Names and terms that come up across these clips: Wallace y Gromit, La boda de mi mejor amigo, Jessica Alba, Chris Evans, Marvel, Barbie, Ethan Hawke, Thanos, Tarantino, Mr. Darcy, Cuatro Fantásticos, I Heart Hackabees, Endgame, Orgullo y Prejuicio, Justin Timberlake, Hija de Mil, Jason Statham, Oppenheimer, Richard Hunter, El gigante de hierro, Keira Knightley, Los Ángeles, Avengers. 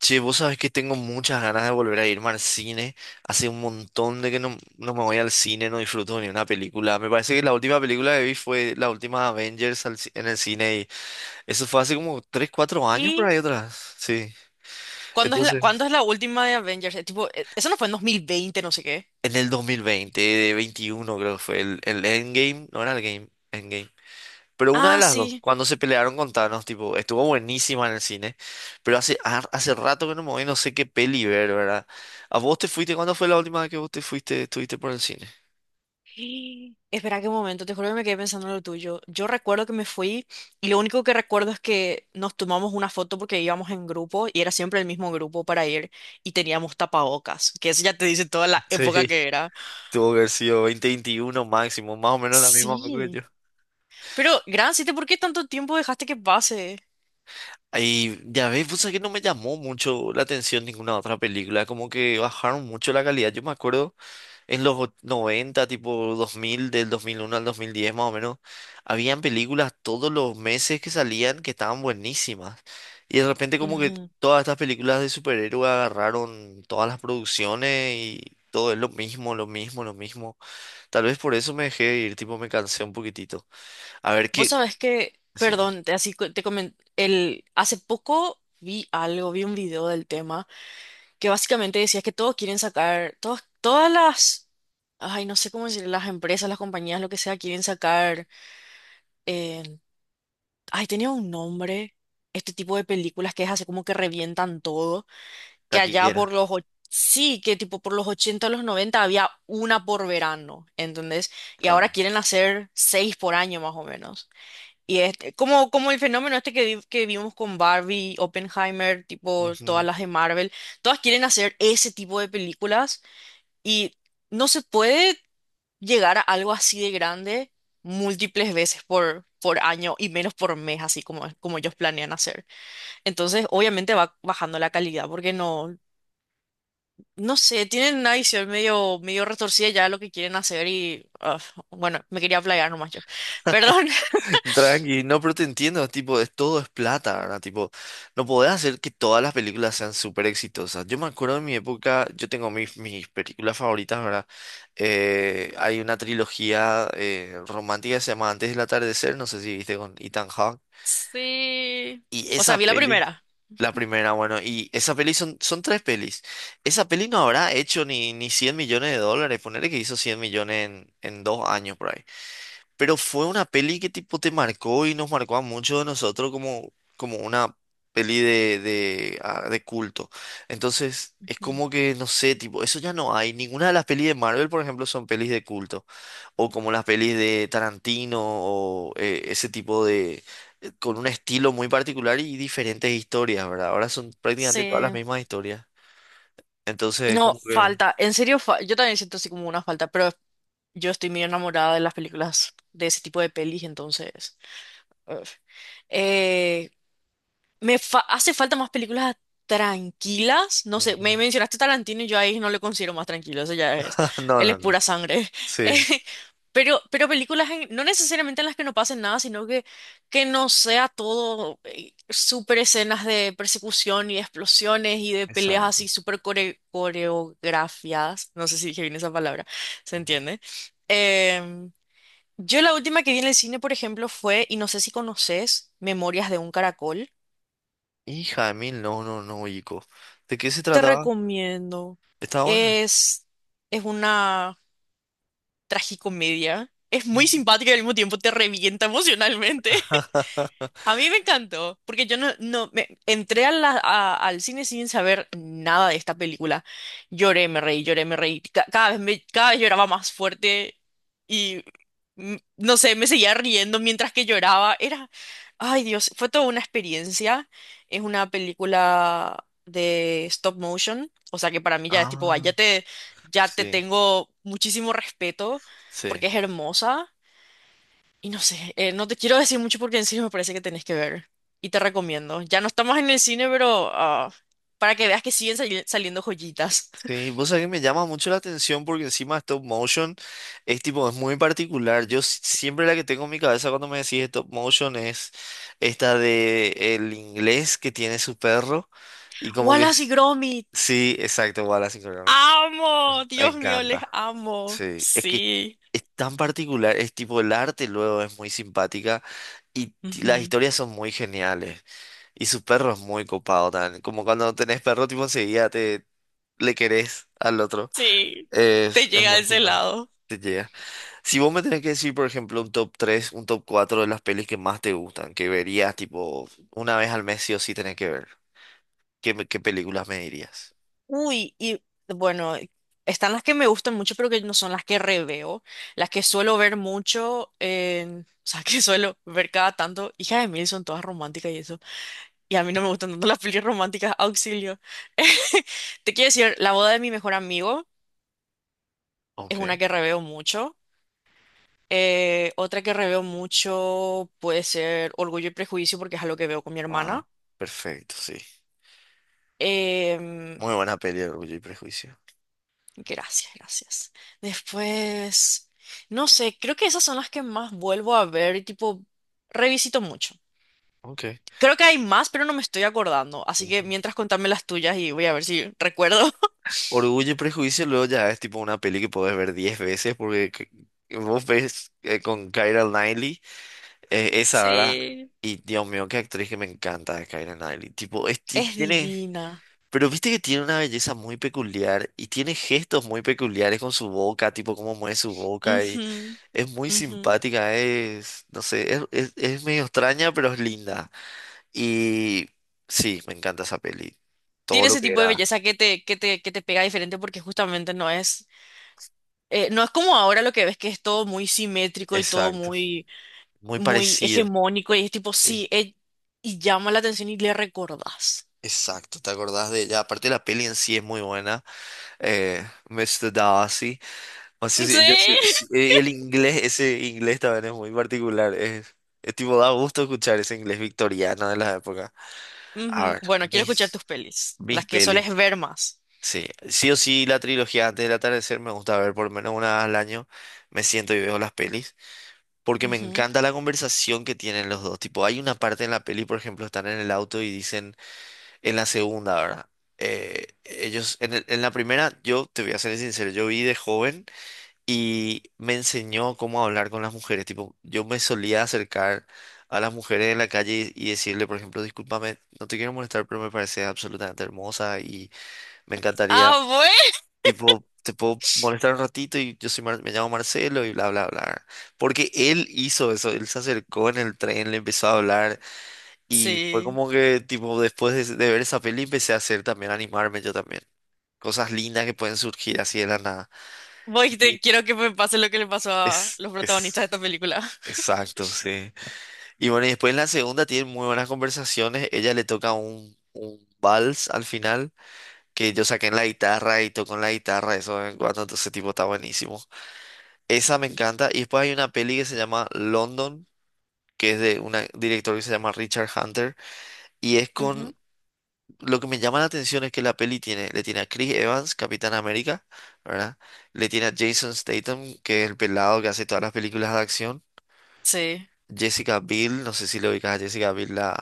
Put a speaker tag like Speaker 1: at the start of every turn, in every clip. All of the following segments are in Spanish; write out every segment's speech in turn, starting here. Speaker 1: Che, vos sabés que tengo muchas ganas de volver a irme al cine. Hace un montón de que no me voy al cine, no disfruto ni una película. Me parece que la última película que vi fue la última Avengers en el cine y eso fue hace como 3 4 años por
Speaker 2: ¿Y
Speaker 1: ahí atrás. Sí. Entonces,
Speaker 2: cuándo es la última de Avengers? Tipo, eso no fue en 2020, no sé qué.
Speaker 1: en el 2020, de 21 creo que fue el Endgame, no era el Game, Endgame. Pero una de
Speaker 2: Ah,
Speaker 1: las dos,
Speaker 2: sí.
Speaker 1: cuando se pelearon con Thanos, tipo, estuvo buenísima en el cine, pero hace rato que no me voy, no sé qué peli ver, ¿verdad? ¿A vos te fuiste? ¿Cuándo fue la última vez que vos te fuiste, estuviste por el cine?
Speaker 2: Espera qué momento, te juro que me quedé pensando en lo tuyo. Yo recuerdo que me fui y lo único que recuerdo es que nos tomamos una foto porque íbamos en grupo y era siempre el mismo grupo para ir y teníamos tapabocas, que eso ya te dice toda la
Speaker 1: Sí.
Speaker 2: época que era.
Speaker 1: Tuvo que haber sido 2021 máximo, más o menos la misma época que
Speaker 2: Sí.
Speaker 1: yo.
Speaker 2: Pero, ¿por qué tanto tiempo dejaste que pase?
Speaker 1: Ahí, ya ves, pues que no me llamó mucho la atención ninguna otra película, como que bajaron mucho la calidad. Yo me acuerdo. En los 90, tipo 2000 del 2001 al 2010 más o menos, habían películas todos los meses que salían que estaban buenísimas. Y de repente como que todas estas películas de superhéroes agarraron todas las producciones y todo es lo mismo, lo mismo, lo mismo. Tal vez por eso me dejé de ir, tipo me cansé un poquitito. A ver
Speaker 2: Vos
Speaker 1: qué.
Speaker 2: sabés que,
Speaker 1: Sí,
Speaker 2: perdón, te comenté, hace poco vi algo, vi un video del tema, que básicamente decía que todos quieren sacar, todas las, ay, no sé cómo decir, las empresas, las compañías, lo que sea, quieren sacar, eh, ay, tenía un nombre, este tipo de películas que es así como que revientan todo, que allá
Speaker 1: taquillera.
Speaker 2: sí, que tipo por los 80 a los 90 había una por verano, ¿entendés? Y ahora
Speaker 1: Claro.
Speaker 2: quieren hacer seis por año más o menos. Y es como, el fenómeno este que, que vimos con Barbie, Oppenheimer, tipo todas
Speaker 1: Ujú.
Speaker 2: las de Marvel, todas quieren hacer ese tipo de películas y no se puede llegar a algo así de grande múltiples veces por año y menos por mes, así como, como ellos planean hacer. Entonces, obviamente va bajando la calidad porque no, no sé, tienen una visión medio, medio retorcida ya de lo que quieren hacer y ah, bueno, me quería playar nomás yo. Perdón.
Speaker 1: Tranqui, no, pero te entiendo, tipo, todo es plata, ¿verdad? Tipo, no podés hacer que todas las películas sean súper exitosas. Yo me acuerdo de mi época, yo tengo mis películas favoritas, ¿verdad? Hay una trilogía romántica que se llama Antes del atardecer, no sé si viste con Ethan Hawke.
Speaker 2: Sí.
Speaker 1: Y
Speaker 2: O sea,
Speaker 1: esa
Speaker 2: vi la
Speaker 1: peli,
Speaker 2: primera.
Speaker 1: la primera, bueno, y esa peli son tres pelis. Esa peli no habrá hecho ni 100 millones de dólares, ponerle que hizo 100 millones en 2 años por ahí. Pero fue una peli que tipo te marcó y nos marcó a muchos de nosotros como una peli de culto. Entonces, es
Speaker 2: Mm.
Speaker 1: como que, no sé, tipo, eso ya no hay. Ninguna de las pelis de Marvel, por ejemplo, son pelis de culto. O como las pelis de Tarantino o ese tipo de, con un estilo muy particular y diferentes historias, ¿verdad? Ahora son prácticamente todas las
Speaker 2: Sí,
Speaker 1: mismas historias. Entonces,
Speaker 2: no,
Speaker 1: como que.
Speaker 2: falta, en serio, yo también siento así como una falta, pero yo estoy muy enamorada de las películas, de ese tipo de pelis, entonces, uf. Eh, hace falta más películas tranquilas. No sé, me
Speaker 1: Ujú.
Speaker 2: mencionaste Tarantino y yo ahí no le considero más tranquilo. Eso ya es.
Speaker 1: No,
Speaker 2: Él es
Speaker 1: no, no.
Speaker 2: pura sangre.
Speaker 1: Sí,
Speaker 2: Eh, pero películas no necesariamente en las que no pasen nada, sino que no sea todo súper escenas de persecución y de explosiones y de peleas
Speaker 1: exacto.
Speaker 2: así súper coreografiadas. No sé si dije bien esa palabra. ¿Se entiende? Em, yo la última que vi en el cine, por ejemplo, fue, y no sé si conoces, Memorias de un caracol.
Speaker 1: Hija de mil, no, no, no, Ico. ¿De qué se
Speaker 2: Te
Speaker 1: trataba?
Speaker 2: recomiendo.
Speaker 1: ¿Estaba buena?
Speaker 2: Es, es una tragicomedia. Es muy simpática y al mismo tiempo te revienta emocionalmente. A mí me encantó, porque yo no, no me, entré al cine sin saber nada de esta película. Lloré, me reí, lloré, me reí. Cada cada vez lloraba más fuerte y no sé, me seguía riendo mientras que lloraba. Era, ay Dios, fue toda una experiencia. Es una película de stop motion, o sea que para mí ya es tipo, "Ay, ya
Speaker 1: Ah,
Speaker 2: te, ya te
Speaker 1: sí,
Speaker 2: tengo muchísimo respeto porque
Speaker 1: sí.
Speaker 2: es hermosa. Y no sé, no te quiero decir mucho porque en serio me parece que tenés que ver. Y te recomiendo. Ya no estamos en el cine, pero ah, para que veas que siguen saliendo joyitas.
Speaker 1: Sí, vos sabés que me llama mucho la atención porque encima stop motion es tipo, es muy particular. Yo siempre la que tengo en mi cabeza cuando me decís stop motion es esta de el inglés que tiene su perro y como que
Speaker 2: Wallace y Gromit.
Speaker 1: sí, exacto, Wallace y Gromit.
Speaker 2: Amo,
Speaker 1: Me
Speaker 2: Dios mío, les
Speaker 1: encanta.
Speaker 2: amo.
Speaker 1: Sí, es que
Speaker 2: Sí.
Speaker 1: es tan particular, es tipo el arte luego es muy simpática y las
Speaker 2: Ujú.
Speaker 1: historias son muy geniales y su perro es muy copado también, como cuando tenés perro tipo enseguida te le querés al otro,
Speaker 2: Sí.
Speaker 1: es,
Speaker 2: Te
Speaker 1: es sí,
Speaker 2: llega a
Speaker 1: muy
Speaker 2: ese
Speaker 1: simpático,
Speaker 2: lado.
Speaker 1: te llega. Si vos me tenés que decir, por ejemplo, un top 3, un top 4 de las pelis que más te gustan, que verías tipo una vez al mes sí o sí tenés que ver, ¿qué, qué películas me dirías?
Speaker 2: Uy, y bueno, están las que me gustan mucho, pero que no son las que reveo. Las que suelo ver mucho, o sea, que suelo ver cada tanto. Hija de Mil son todas románticas y eso. Y a mí no me gustan tanto las pelis románticas, auxilio. Te quiero decir, La boda de mi mejor amigo es
Speaker 1: Ok.
Speaker 2: una que reveo mucho. Otra que reveo mucho puede ser Orgullo y Prejuicio porque es algo que veo con mi
Speaker 1: Wow,
Speaker 2: hermana.
Speaker 1: perfecto, sí.
Speaker 2: Em,
Speaker 1: Muy buena peli, Orgullo y Prejuicio.
Speaker 2: gracias, gracias. Después, no sé, creo que esas son las que más vuelvo a ver y tipo revisito mucho.
Speaker 1: Ok.
Speaker 2: Creo que hay más, pero no me estoy acordando. Así que
Speaker 1: Ujú.
Speaker 2: mientras contame las tuyas y voy a ver si recuerdo.
Speaker 1: Orgullo y Prejuicio luego ya es tipo una peli que podés ver 10 veces porque vos ves con Keira Knightley esa, ¿verdad?
Speaker 2: Sí.
Speaker 1: Y Dios mío, qué actriz que me encanta es Keira Knightley. Tipo, es
Speaker 2: Es
Speaker 1: tiene.
Speaker 2: divina.
Speaker 1: Pero viste que tiene una belleza muy peculiar y tiene gestos muy peculiares con su boca, tipo cómo mueve su boca y
Speaker 2: Ujú.
Speaker 1: es muy
Speaker 2: Ujú.
Speaker 1: simpática, es, no sé, es medio extraña pero es linda. Y sí, me encanta esa peli. Todo
Speaker 2: Tiene
Speaker 1: lo
Speaker 2: ese
Speaker 1: que
Speaker 2: tipo de
Speaker 1: era.
Speaker 2: belleza que te, pega diferente porque justamente no es como ahora lo que ves que es todo muy simétrico y todo
Speaker 1: Exacto.
Speaker 2: muy,
Speaker 1: Muy
Speaker 2: muy
Speaker 1: parecido,
Speaker 2: hegemónico y es tipo,
Speaker 1: sí.
Speaker 2: sí, y llama la atención y le recordás.
Speaker 1: Exacto, ¿te acordás de ella? Aparte la peli en sí es muy buena, eh, Mr. Darcy. O sea, sí, yo
Speaker 2: Sí.
Speaker 1: sí, y el inglés, ese inglés también es muy particular. Es tipo, da gusto escuchar ese inglés victoriano de la época. A
Speaker 2: Ujú.
Speaker 1: ver,
Speaker 2: Bueno, quiero escuchar
Speaker 1: mis,
Speaker 2: tus pelis,
Speaker 1: mis
Speaker 2: las que sueles
Speaker 1: pelis.
Speaker 2: ver más.
Speaker 1: Sí, sí o sí la trilogía antes del atardecer me gusta ver por lo menos una vez al año. Me siento y veo las pelis. Porque me
Speaker 2: Ujú.
Speaker 1: encanta la conversación que tienen los dos. Tipo, hay una parte en la peli, por ejemplo, están en el auto y dicen. En la segunda, ¿verdad? Ellos, en la primera, yo te voy a ser sincero, yo vi de joven y me enseñó cómo hablar con las mujeres. Tipo, yo me solía acercar a las mujeres en la calle y decirle, por ejemplo, discúlpame, no te quiero molestar, pero me parece absolutamente hermosa y me encantaría,
Speaker 2: Ah, bueno.
Speaker 1: tipo, te puedo molestar un ratito y yo soy me llamo Marcelo y bla, bla, bla. Porque él hizo eso, él se acercó en el tren, le empezó a hablar y fue
Speaker 2: Sí.
Speaker 1: como que, tipo, después de ver esa peli empecé a hacer también, a animarme yo también. Cosas lindas que pueden surgir así de la nada.
Speaker 2: Voy, te
Speaker 1: Y
Speaker 2: quiero que me pase lo que le pasó a
Speaker 1: es,
Speaker 2: los protagonistas de
Speaker 1: es,
Speaker 2: esta película.
Speaker 1: exacto, sí. Y bueno, y después en la segunda tienen muy buenas conversaciones. Ella le toca un vals al final, que yo saqué en la guitarra y toco en la guitarra, eso de vez en cuando, entonces tipo está buenísimo. Esa me encanta. Y después hay una peli que se llama London, que es de un director que se llama Richard Hunter, y es con
Speaker 2: Ujú.
Speaker 1: Lo que me llama la atención es que la peli tiene, le tiene a Chris Evans, Capitán América, ¿verdad? Le tiene a Jason Statham, que es el pelado que hace todas las películas de acción.
Speaker 2: Sí.
Speaker 1: Jessica Biel, no sé si lo ubicas a Jessica Biel, la.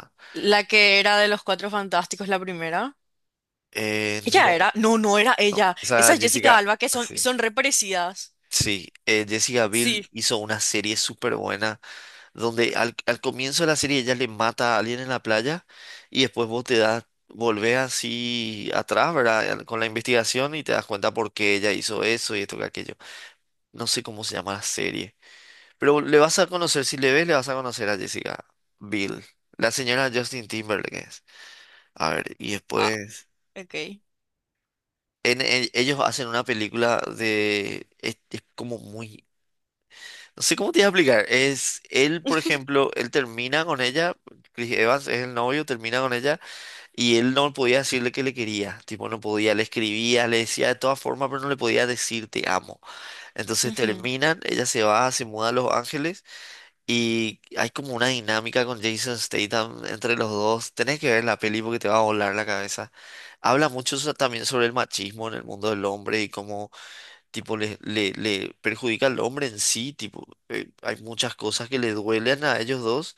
Speaker 2: La que era de los Cuatro Fantásticos, la primera.
Speaker 1: Eh,
Speaker 2: ¿Ella
Speaker 1: no,
Speaker 2: era? No, no era
Speaker 1: no.
Speaker 2: ella.
Speaker 1: Esa
Speaker 2: Esa es Jessica
Speaker 1: Jessica.
Speaker 2: Alba, que son,
Speaker 1: Sí.
Speaker 2: son re parecidas.
Speaker 1: Sí, Jessica
Speaker 2: Sí.
Speaker 1: Biel hizo una serie súper buena, donde al comienzo de la serie ella le mata a alguien en la playa y después vos te das, volvés así atrás, ¿verdad? Con la investigación y te das cuenta por qué ella hizo eso y esto que aquello. No sé cómo se llama la serie. Pero le vas a conocer, si le ves, le vas a conocer a Jessica Biel. La señora Justin Timberlake es. A ver, y
Speaker 2: Ah,
Speaker 1: después.
Speaker 2: ok.
Speaker 1: Ellos hacen una película de. Es como muy. No sé cómo te voy a explicar. Es él, por ejemplo, él termina con ella. Chris Evans es el novio, termina con ella. Y él no podía decirle que le quería. Tipo, no podía. Le escribía, le decía de todas formas, pero no le podía decir te amo. Entonces
Speaker 2: Ujú.
Speaker 1: terminan, ella se va, se muda a Los Ángeles. Y hay como una dinámica con Jason Statham entre los dos. Tenés que ver la peli porque te va a volar la cabeza. Habla mucho también sobre el machismo en el mundo del hombre y cómo tipo le perjudica al hombre en sí. Tipo, hay muchas cosas que le duelen a ellos dos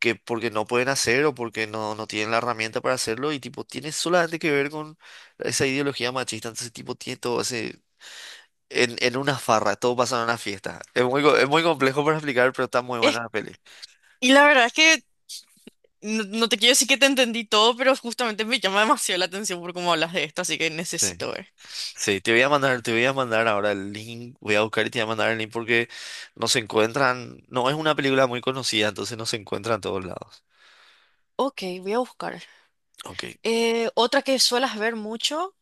Speaker 1: que porque no pueden hacer o porque no tienen la herramienta para hacerlo. Y tipo, tiene solamente que ver con esa ideología machista. Entonces, tipo, tiene todo ese. En una farra, todo pasa en una fiesta. Es muy complejo para explicar, pero está muy buena
Speaker 2: Es-
Speaker 1: la peli.
Speaker 2: y la verdad es que no, no te quiero decir que te entendí todo, pero justamente me llama demasiado la atención por cómo hablas de esto, así que
Speaker 1: Sí.
Speaker 2: necesito ver.
Speaker 1: Sí, te voy a mandar ahora el link, voy a buscar y te voy a mandar el link porque no se encuentran, no es una película muy conocida, entonces no se encuentra en todos lados.
Speaker 2: Ok, voy a buscar.
Speaker 1: Ok,
Speaker 2: Otra que suelas ver mucho,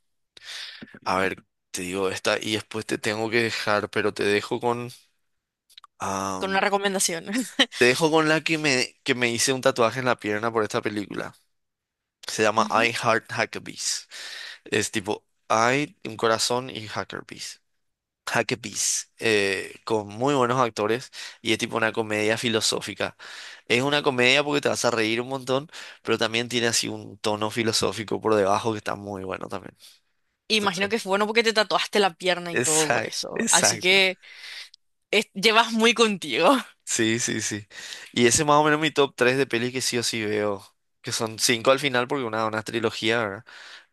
Speaker 1: a ver, te digo esta y después te tengo que dejar, pero
Speaker 2: con una
Speaker 1: am,
Speaker 2: recomendación.
Speaker 1: te dejo con la que que me hice un tatuaje en la pierna por esta película. Se llama
Speaker 2: Ujú.
Speaker 1: I Heart Hackabees. Es tipo I, un corazón y Hackerbees. Hackabees, con muy buenos actores y es tipo una comedia filosófica. Es una comedia porque te vas a reír un montón, pero también tiene así un tono filosófico por debajo que está muy bueno también.
Speaker 2: Imagino
Speaker 1: Entonces,
Speaker 2: que fue bueno porque te tatuaste la pierna y todo por
Speaker 1: exacto,
Speaker 2: eso. Así
Speaker 1: exacto.
Speaker 2: que llevas muy contigo.
Speaker 1: Sí, sí, sí. Y ese es más o menos mi top 3 de pelis que sí o sí veo, que son 5 al final porque una trilogía, ¿verdad?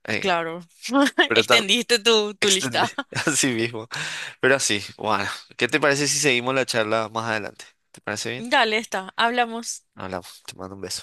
Speaker 1: Eh,
Speaker 2: Claro.
Speaker 1: pero está
Speaker 2: Extendiste tu
Speaker 1: extendida
Speaker 2: lista.
Speaker 1: así mismo. Pero así, bueno, ¿qué te parece si seguimos la charla más adelante? ¿Te parece bien?
Speaker 2: Dale, está. Hablamos.
Speaker 1: Hablamos, te mando un beso.